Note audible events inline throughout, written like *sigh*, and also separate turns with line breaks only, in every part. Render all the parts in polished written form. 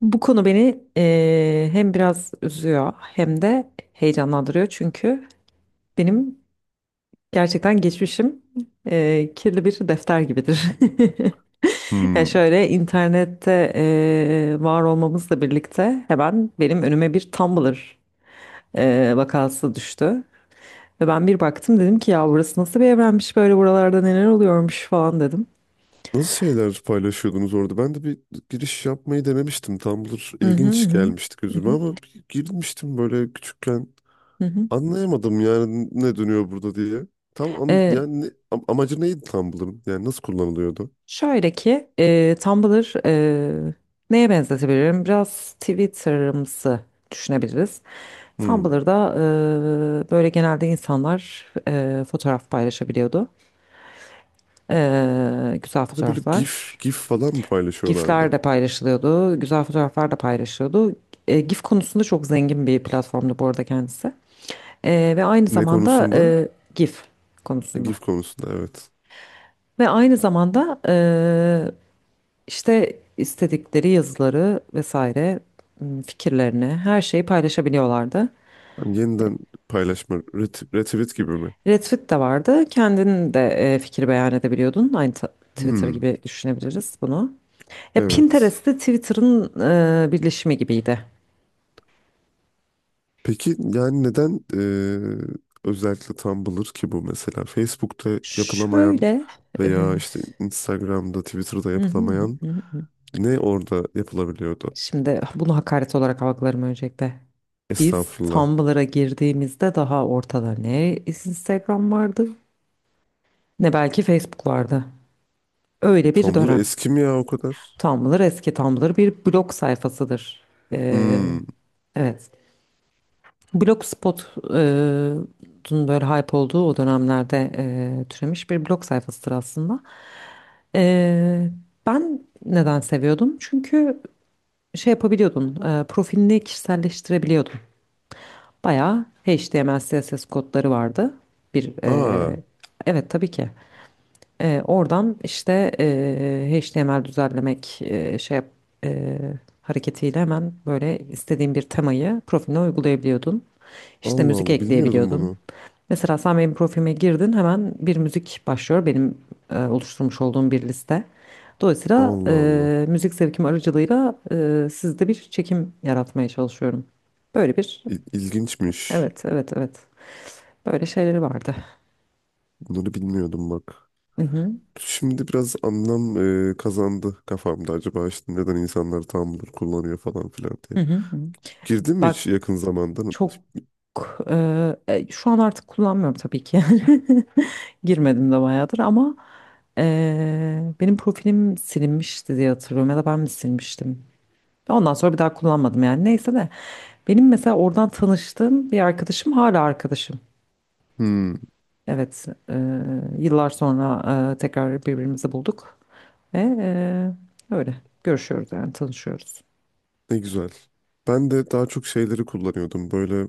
Bu konu beni hem biraz üzüyor hem de heyecanlandırıyor, çünkü benim gerçekten geçmişim kirli bir defter gibidir. *laughs* Yani
Hmm.
şöyle, internette var olmamızla birlikte hemen benim önüme bir Tumblr vakası düştü. Ve ben bir baktım, dedim ki ya burası nasıl bir evrenmiş, böyle buralarda neler oluyormuş falan dedim.
Nasıl şeyler paylaşıyordunuz orada? Ben de bir giriş yapmayı denemiştim. Tumblr
Hı hı
ilginç
hı.
gelmişti
Hı
gözüme
hı.
ama bir girmiştim böyle küçükken.
Hı
Anlayamadım yani ne dönüyor burada diye. Tam an-
hı.
yani ne- am- Amacı neydi Tumblr'ın? Yani nasıl kullanılıyordu?
Şöyle ki Tumblr, neye benzetebilirim? Biraz Twitter'ımsı düşünebiliriz.
Hmm.
Tumblr'da böyle genelde insanlar fotoğraf paylaşabiliyordu. Güzel
Bir de böyle
fotoğraflar.
GIF falan mı
GIF'ler
paylaşıyorlardı?
de paylaşılıyordu. Güzel fotoğraflar da paylaşıyordu. GIF konusunda çok zengin bir platformdu bu arada kendisi. Ve aynı
Ne
zamanda,
konusunda?
GIF
Ha,
konusunda.
GIF konusunda evet.
Ve aynı zamanda İşte istedikleri yazıları vesaire, fikirlerini, her şeyi paylaşabiliyorlardı.
Hani yeniden paylaşma, retweet gibi mi?
Retweet de vardı. Kendin de fikir beyan edebiliyordun. Aynı Twitter
Hmm.
gibi düşünebiliriz bunu. Ya
Evet.
Pinterest de Twitter'ın birleşimi gibiydi.
Peki yani neden özellikle Tumblr ki bu mesela Facebook'ta yapılamayan
Şöyle, hı
veya işte Instagram'da, Twitter'da
hı hı
yapılamayan
hı hı.
ne orada yapılabiliyordu?
Şimdi bunu hakaret olarak algılarım öncelikle. Biz
Estağfurullah.
Tumblr'a girdiğimizde daha ortada ne Instagram vardı ne belki Facebook vardı. Öyle bir
Tumblr
dönem.
eski mi ya o kadar?
Tumblr eski. Tumblr bir blog sayfasıdır. Ee,
Hmm.
evet. Blogspot'un böyle hype olduğu o dönemlerde türemiş bir blog sayfasıdır aslında. Ee, Ben neden seviyordum? Çünkü şey yapabiliyordun, profilini kişiselleştirebiliyordun. Bayağı HTML, CSS kodları vardı. Bir
Aa,
e, evet, tabii ki. Oradan işte HTML düzenlemek e, hareketiyle hemen böyle istediğin bir temayı profiline uygulayabiliyordun. İşte
Allah
müzik
Allah bilmiyordum
ekleyebiliyordun.
bunu.
Mesela sen benim profilime girdin, hemen bir müzik başlıyor, benim oluşturmuş olduğum bir liste. Dolayısıyla
Allah Allah.
müzik zevkim aracılığıyla sizde bir çekim yaratmaya çalışıyorum. Böyle bir
İlginçmiş.
Evet, evet, evet, böyle şeyleri vardı.
Bunları bilmiyordum bak.
Hı hı,
Şimdi biraz anlam kazandı kafamda, acaba işte neden insanlar Tumblr kullanıyor falan filan diye.
hı hı, hı.
Girdin mi
Bak.
hiç yakın zamanda?
Çok Şu an artık kullanmıyorum tabii ki. *laughs* Girmedim de bayağıdır, ama benim profilim silinmişti diye hatırlıyorum, ya da ben mi silmiştim? Ondan sonra bir daha kullanmadım yani. Neyse de, benim mesela oradan tanıştığım bir arkadaşım hala arkadaşım.
Hmm,
Evet, yıllar sonra tekrar birbirimizi bulduk ve öyle görüşüyoruz, yani tanışıyoruz.
ne güzel. Ben de daha çok şeyleri kullanıyordum. Böyle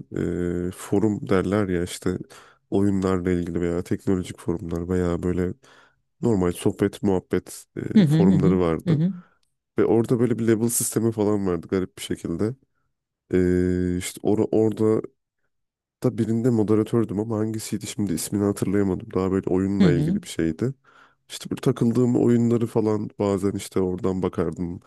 forum derler ya, işte oyunlarla ilgili veya teknolojik forumlar veya böyle normal sohbet, muhabbet
Hı hı hı hı
forumları
hı
vardı.
hı
Ve orada böyle bir level sistemi falan vardı garip bir şekilde. E, işte or orada da birinde moderatördüm ama hangisiydi şimdi ismini hatırlayamadım. Daha böyle
hı
oyunla
hı.
ilgili bir şeydi. İşte böyle takıldığım oyunları falan bazen işte oradan bakardım.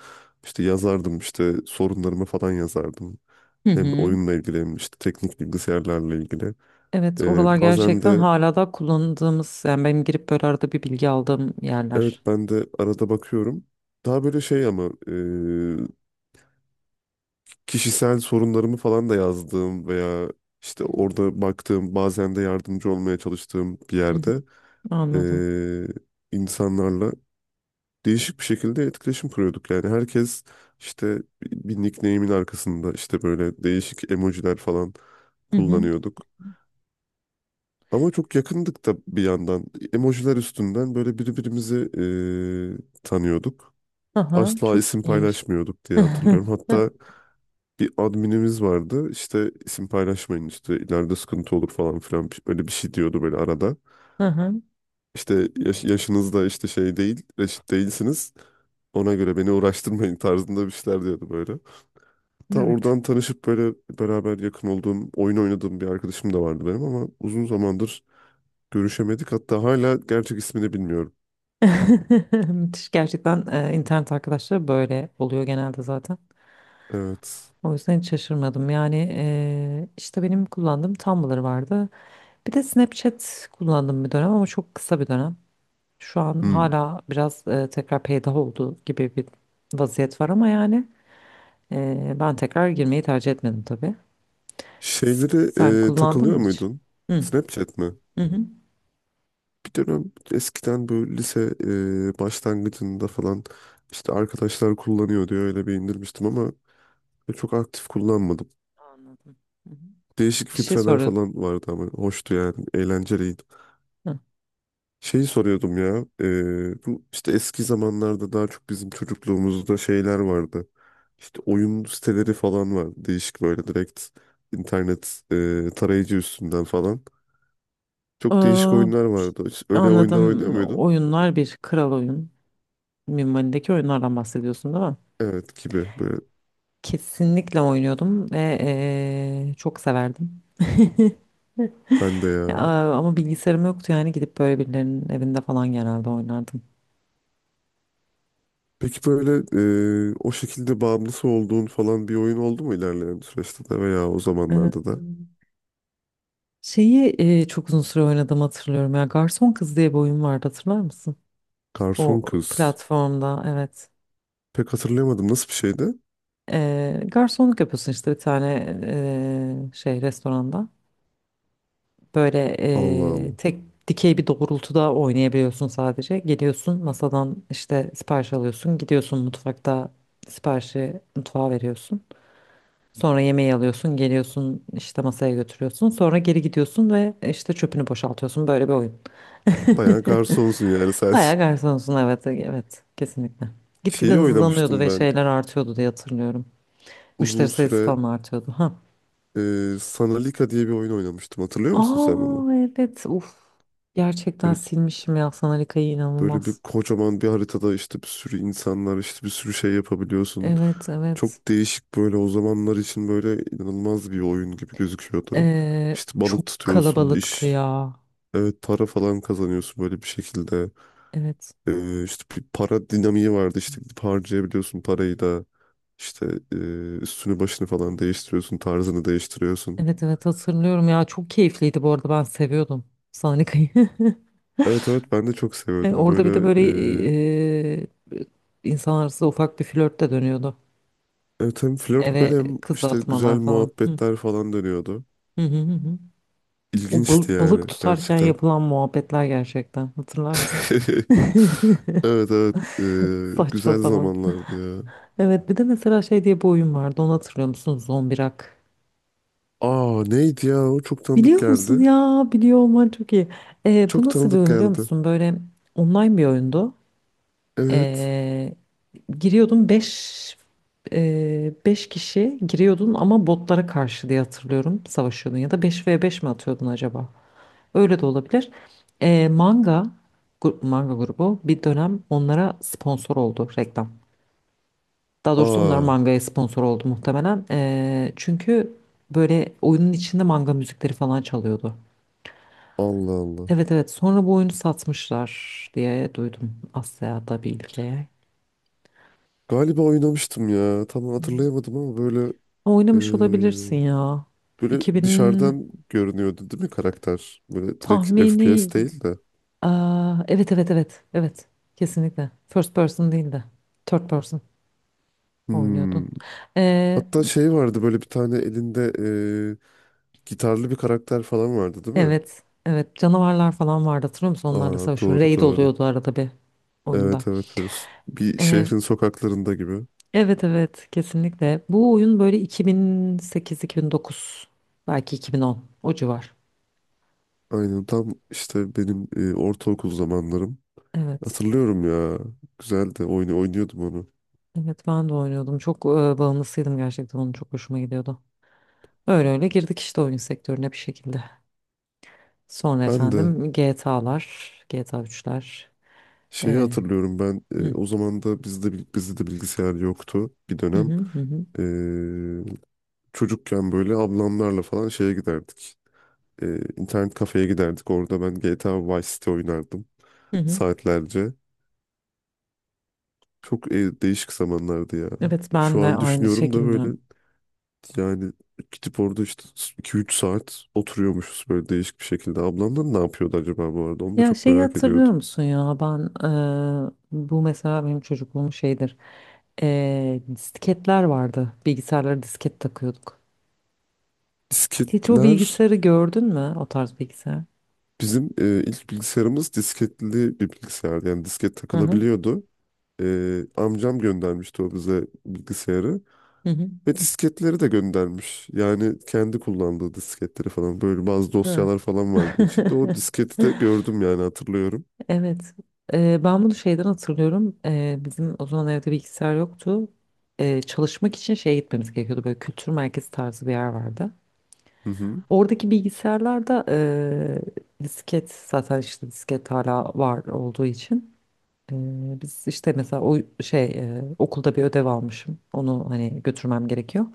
İşte yazardım, işte sorunlarımı falan yazardım.
Hı.
Hem
Hı.
oyunla ilgili hem işte teknik bilgisayarlarla ilgili.
Evet, oralar
Bazen
gerçekten
de
hala da kullandığımız, yani benim girip böyle arada bir bilgi aldığım
evet,
yerler.
ben de arada bakıyorum. Daha böyle şey, ama kişisel sorunlarımı falan da yazdığım veya işte
Hmm.
orada baktığım, bazen de yardımcı olmaya çalıştığım bir
Hı hı,
yerde,
anladım.
e, insanlarla değişik bir şekilde etkileşim kuruyorduk. Yani herkes işte bir nickname'in arkasında işte böyle değişik emojiler falan
Hı hı.
kullanıyorduk. Ama çok yakındık da bir yandan. Emojiler üstünden böyle birbirimizi tanıyorduk.
Aha,
Asla
çok
isim
iyiymiş.
paylaşmıyorduk diye hatırlıyorum.
*laughs*
Hatta bir adminimiz vardı. İşte isim paylaşmayın, işte ileride sıkıntı olur falan filan böyle bir şey diyordu böyle arada.
Aha,
İşte yaşınızda işte şey değil, reşit değilsiniz. Ona göre beni uğraştırmayın tarzında bir şeyler diyordu böyle. Ta
evet.
oradan tanışıp böyle beraber yakın olduğum, oyun oynadığım bir arkadaşım da vardı benim ama uzun zamandır görüşemedik. Hatta hala gerçek ismini bilmiyorum.
*laughs* Müthiş gerçekten, internet arkadaşları böyle oluyor genelde zaten.
Evet.
O yüzden hiç şaşırmadım. Yani işte benim kullandığım Tumblr vardı. Bir de Snapchat kullandım bir dönem, ama çok kısa bir dönem. Şu an
Hmm.
hala biraz tekrar peydah oldu gibi bir vaziyet var, ama yani ben tekrar girmeyi tercih etmedim tabii. S-
Şeyleri
Sen kullandın
takılıyor
mı hiç?
muydun?
Hı.
Snapchat mi?
Hı hı.
Bir dönem eskiden böyle lise başlangıcında falan işte arkadaşlar kullanıyor diye öyle bir indirmiştim ama çok aktif kullanmadım.
Anladım. Hı hı.
Değişik
Bir şey
filtreler
soruyordum.
falan vardı ama hoştu yani. Eğlenceliydi.
Hı.
Şeyi soruyordum ya. Bu işte eski zamanlarda, daha çok bizim çocukluğumuzda şeyler vardı. İşte oyun siteleri falan var. Değişik böyle direkt internet tarayıcı üstünden falan. Çok değişik
Aa,
oyunlar vardı. Hiç öyle oyunlar oynuyor
anladım.
muydun?
Oyunlar bir kral oyun. Minvalindeki oyunlardan bahsediyorsun değil mi?
Evet, gibi böyle.
Kesinlikle oynuyordum ve çok severdim.
Ben de
Ya,
ya.
ama bilgisayarım yoktu, yani gidip böyle birilerinin evinde falan genelde oynardım.
Peki böyle o şekilde bağımlısı olduğun falan bir oyun oldu mu ilerleyen süreçte de veya o
Evet.
zamanlarda da?
Şeyi çok uzun süre oynadım, hatırlıyorum ya. Garson Kız diye bir oyun vardı, hatırlar mısın? O
Garson Kız.
platformda, evet.
Pek hatırlayamadım. Nasıl bir şeydi?
Garsonluk yapıyorsun işte, bir tane şey restoranda. Böyle
Allah Allah.
tek dikey bir doğrultuda oynayabiliyorsun sadece. Geliyorsun, masadan işte sipariş alıyorsun. Gidiyorsun mutfakta, siparişi mutfağa veriyorsun. Sonra yemeği alıyorsun. Geliyorsun işte masaya götürüyorsun. Sonra geri gidiyorsun ve işte çöpünü boşaltıyorsun. Böyle bir oyun. *laughs*
Bayağı garsonsun yani sen.
Bayağı
*laughs*
garsonsun, evet, evet, kesinlikle. Gitgide
Şeyi
hızlanıyordu
oynamıştım
ve
ben.
şeyler artıyordu diye hatırlıyorum.
Uzun
Müşteri sayısı
süre
falan artıyordu. Ha.
Sanalika diye bir oyun oynamıştım. Hatırlıyor musun sen onu?
Aa, evet, uf. Gerçekten
Böyle,
silmişim ya Sanalika'yı,
böyle bir
inanılmaz.
kocaman bir haritada işte bir sürü insanlar, işte bir sürü şey yapabiliyorsun.
Evet, evet.
Çok değişik böyle, o zamanlar için böyle inanılmaz bir oyun gibi gözüküyordu. İşte balık
Çok
tutuyorsun,
kalabalıktı
iş,
ya.
evet, para falan kazanıyorsun böyle bir şekilde.
Evet.
İşte bir para dinamiği vardı, işte gidip harcayabiliyorsun parayı da. İşte e, üstünü başını falan değiştiriyorsun, tarzını değiştiriyorsun.
Evet, evet, hatırlıyorum ya, çok keyifliydi. Bu arada ben seviyordum Sanalika'yı. *laughs*
Evet evet, ben de çok seviyordum.
Orada bir de
Böyle
böyle
e,
e, insanlar arasında ufak bir flört de dönüyordu.
evet, hem flört
Eve
böyle hem
kız
işte güzel
atmalar falan. Hı.
muhabbetler falan dönüyordu.
Hı hı hı hı. O
İlginçti yani
balık tutarken
gerçekten.
yapılan muhabbetler gerçekten. Hatırlar mısın?
*laughs* Evet evet,
*laughs* Saçma
güzel
sapan.
zamanlardı ya.
Evet, bir de mesela şey diye bir oyun vardı. Onu hatırlıyor musun? Zombirak.
Aa, neydi ya, o çok tanıdık
Biliyor musun
geldi.
ya? Biliyor olman çok iyi. Bu
Çok
nasıl bir
tanıdık
oyun, biliyor
geldi.
musun? Böyle online bir oyundu.
Evet.
Ee, Giriyordun, 5 5 kişi giriyordun ama botlara karşı, diye hatırlıyorum, savaşıyordun. Ya da beş ve beş mi atıyordun acaba? Öyle de olabilir. Ee, manga, manga grubu bir dönem onlara sponsor oldu, reklam. Daha doğrusu onlar
Aa,
mangaya sponsor oldu muhtemelen. Çünkü böyle oyunun içinde manga müzikleri falan çalıyordu.
Allah Allah.
Evet, evet, sonra bu oyunu satmışlar diye duydum Asya'da bir ülkeye.
Galiba oynamıştım ya. Tam hatırlayamadım ama böyle
Ama oynamış olabilirsin ya.
böyle
2000
dışarıdan görünüyordu değil mi karakter? Böyle direkt
tahmini.
FPS değil de.
Aa, evet, evet, evet, evet, kesinlikle. First person değil de third person oynuyordun.
Hmm. Hatta şey vardı, böyle bir tane elinde gitarlı bir karakter falan vardı değil mi?
Evet. Evet. Canavarlar falan vardı, hatırlıyor musun? Onlarla
Aa,
savaşıyor.
doğru
Raid
doğru.
oluyordu arada bir oyunda.
Evet evet, böyle bir
Ee,
şehrin sokaklarında gibi.
evet, evet, kesinlikle. Bu oyun böyle 2008-2009, belki 2010, o civar.
Aynen, tam işte benim ortaokul zamanlarım.
Evet.
Hatırlıyorum ya. Güzeldi. Oyunu oynuyordum onu.
Evet, ben de oynuyordum. Çok bağımlısıydım gerçekten. Onun çok hoşuma gidiyordu. Öyle öyle girdik işte oyun sektörüne bir şekilde. Sonra
Ben de
efendim GTA'lar, GTA 3'ler.
şeyi
Ee,
hatırlıyorum, ben
hı,
o zaman da bizde de bilgisayar yoktu bir
hı,
dönem.
hı, hı,
Çocukken böyle ablamlarla falan şeye giderdik. İnternet kafeye giderdik. Orada ben GTA Vice City oynardım
hı. Hı.
saatlerce. Çok değişik zamanlardı ya.
Evet, ben
Şu
de
an
aynı
düşünüyorum da
şekilde.
böyle, yani gidip orada işte 2-3 saat oturuyormuşuz böyle değişik bir şekilde. Ablamlar ne yapıyordu acaba bu arada? Onu da
Ya
çok
şeyi
merak
hatırlıyor
ediyordum.
musun ya, ben bu mesela benim çocukluğum şeydir. Disketler vardı, bilgisayarlara disket takıyorduk. Hiç o
Disketler,
bilgisayarı gördün mü, o tarz bilgisayar?
bizim ilk bilgisayarımız disketli bir bilgisayardı. Yani disket
Hı hı.
takılabiliyordu. E, amcam göndermişti o bize bilgisayarı.
Hı hı.
Ve disketleri de göndermiş. Yani kendi kullandığı disketleri falan, böyle bazı
Hı.
dosyalar falan vardı
*laughs*
içinde. O disketi de gördüm, yani hatırlıyorum.
Evet. Ben bunu şeyden hatırlıyorum. Bizim o zaman evde bilgisayar yoktu. Çalışmak için şeye gitmemiz gerekiyordu, böyle kültür merkezi tarzı bir yer vardı.
Hı hı.
Oradaki bilgisayarlarda disket, zaten işte disket hala var olduğu için. Biz işte mesela o şey, okulda bir ödev almışım. Onu hani götürmem gerekiyor.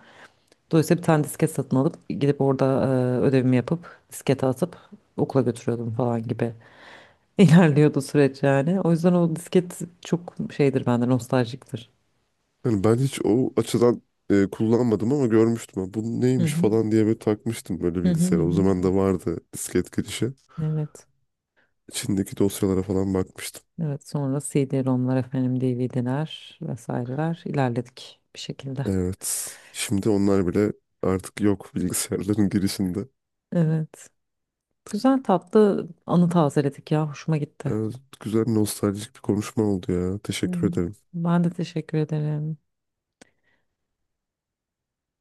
Dolayısıyla bir tane disket satın alıp gidip orada ödevimi yapıp diskete atıp okula götürüyordum falan gibi *laughs* ilerliyordu süreç yani. O yüzden o disket çok şeydir bende, nostaljiktir.
Yani ben hiç o açıdan kullanmadım ama görmüştüm. Ha, bu
Hı
neymiş
hı.
falan diye böyle takmıştım böyle
Hı hı hı
bilgisayara. O zaman
hı.
da vardı disket girişi.
Evet.
İçindeki dosyalara falan bakmıştım.
Evet, sonra CD-ROM'lar, efendim DVD'ler vesaireler, ilerledik bir şekilde.
Evet. Şimdi onlar bile artık yok *laughs* bilgisayarların girişinde.
Evet. Güzel tatlı anı tazeledik ya, hoşuma gitti.
Evet, güzel nostaljik bir konuşma oldu ya. Teşekkür
Hı.
ederim.
Ben de teşekkür ederim.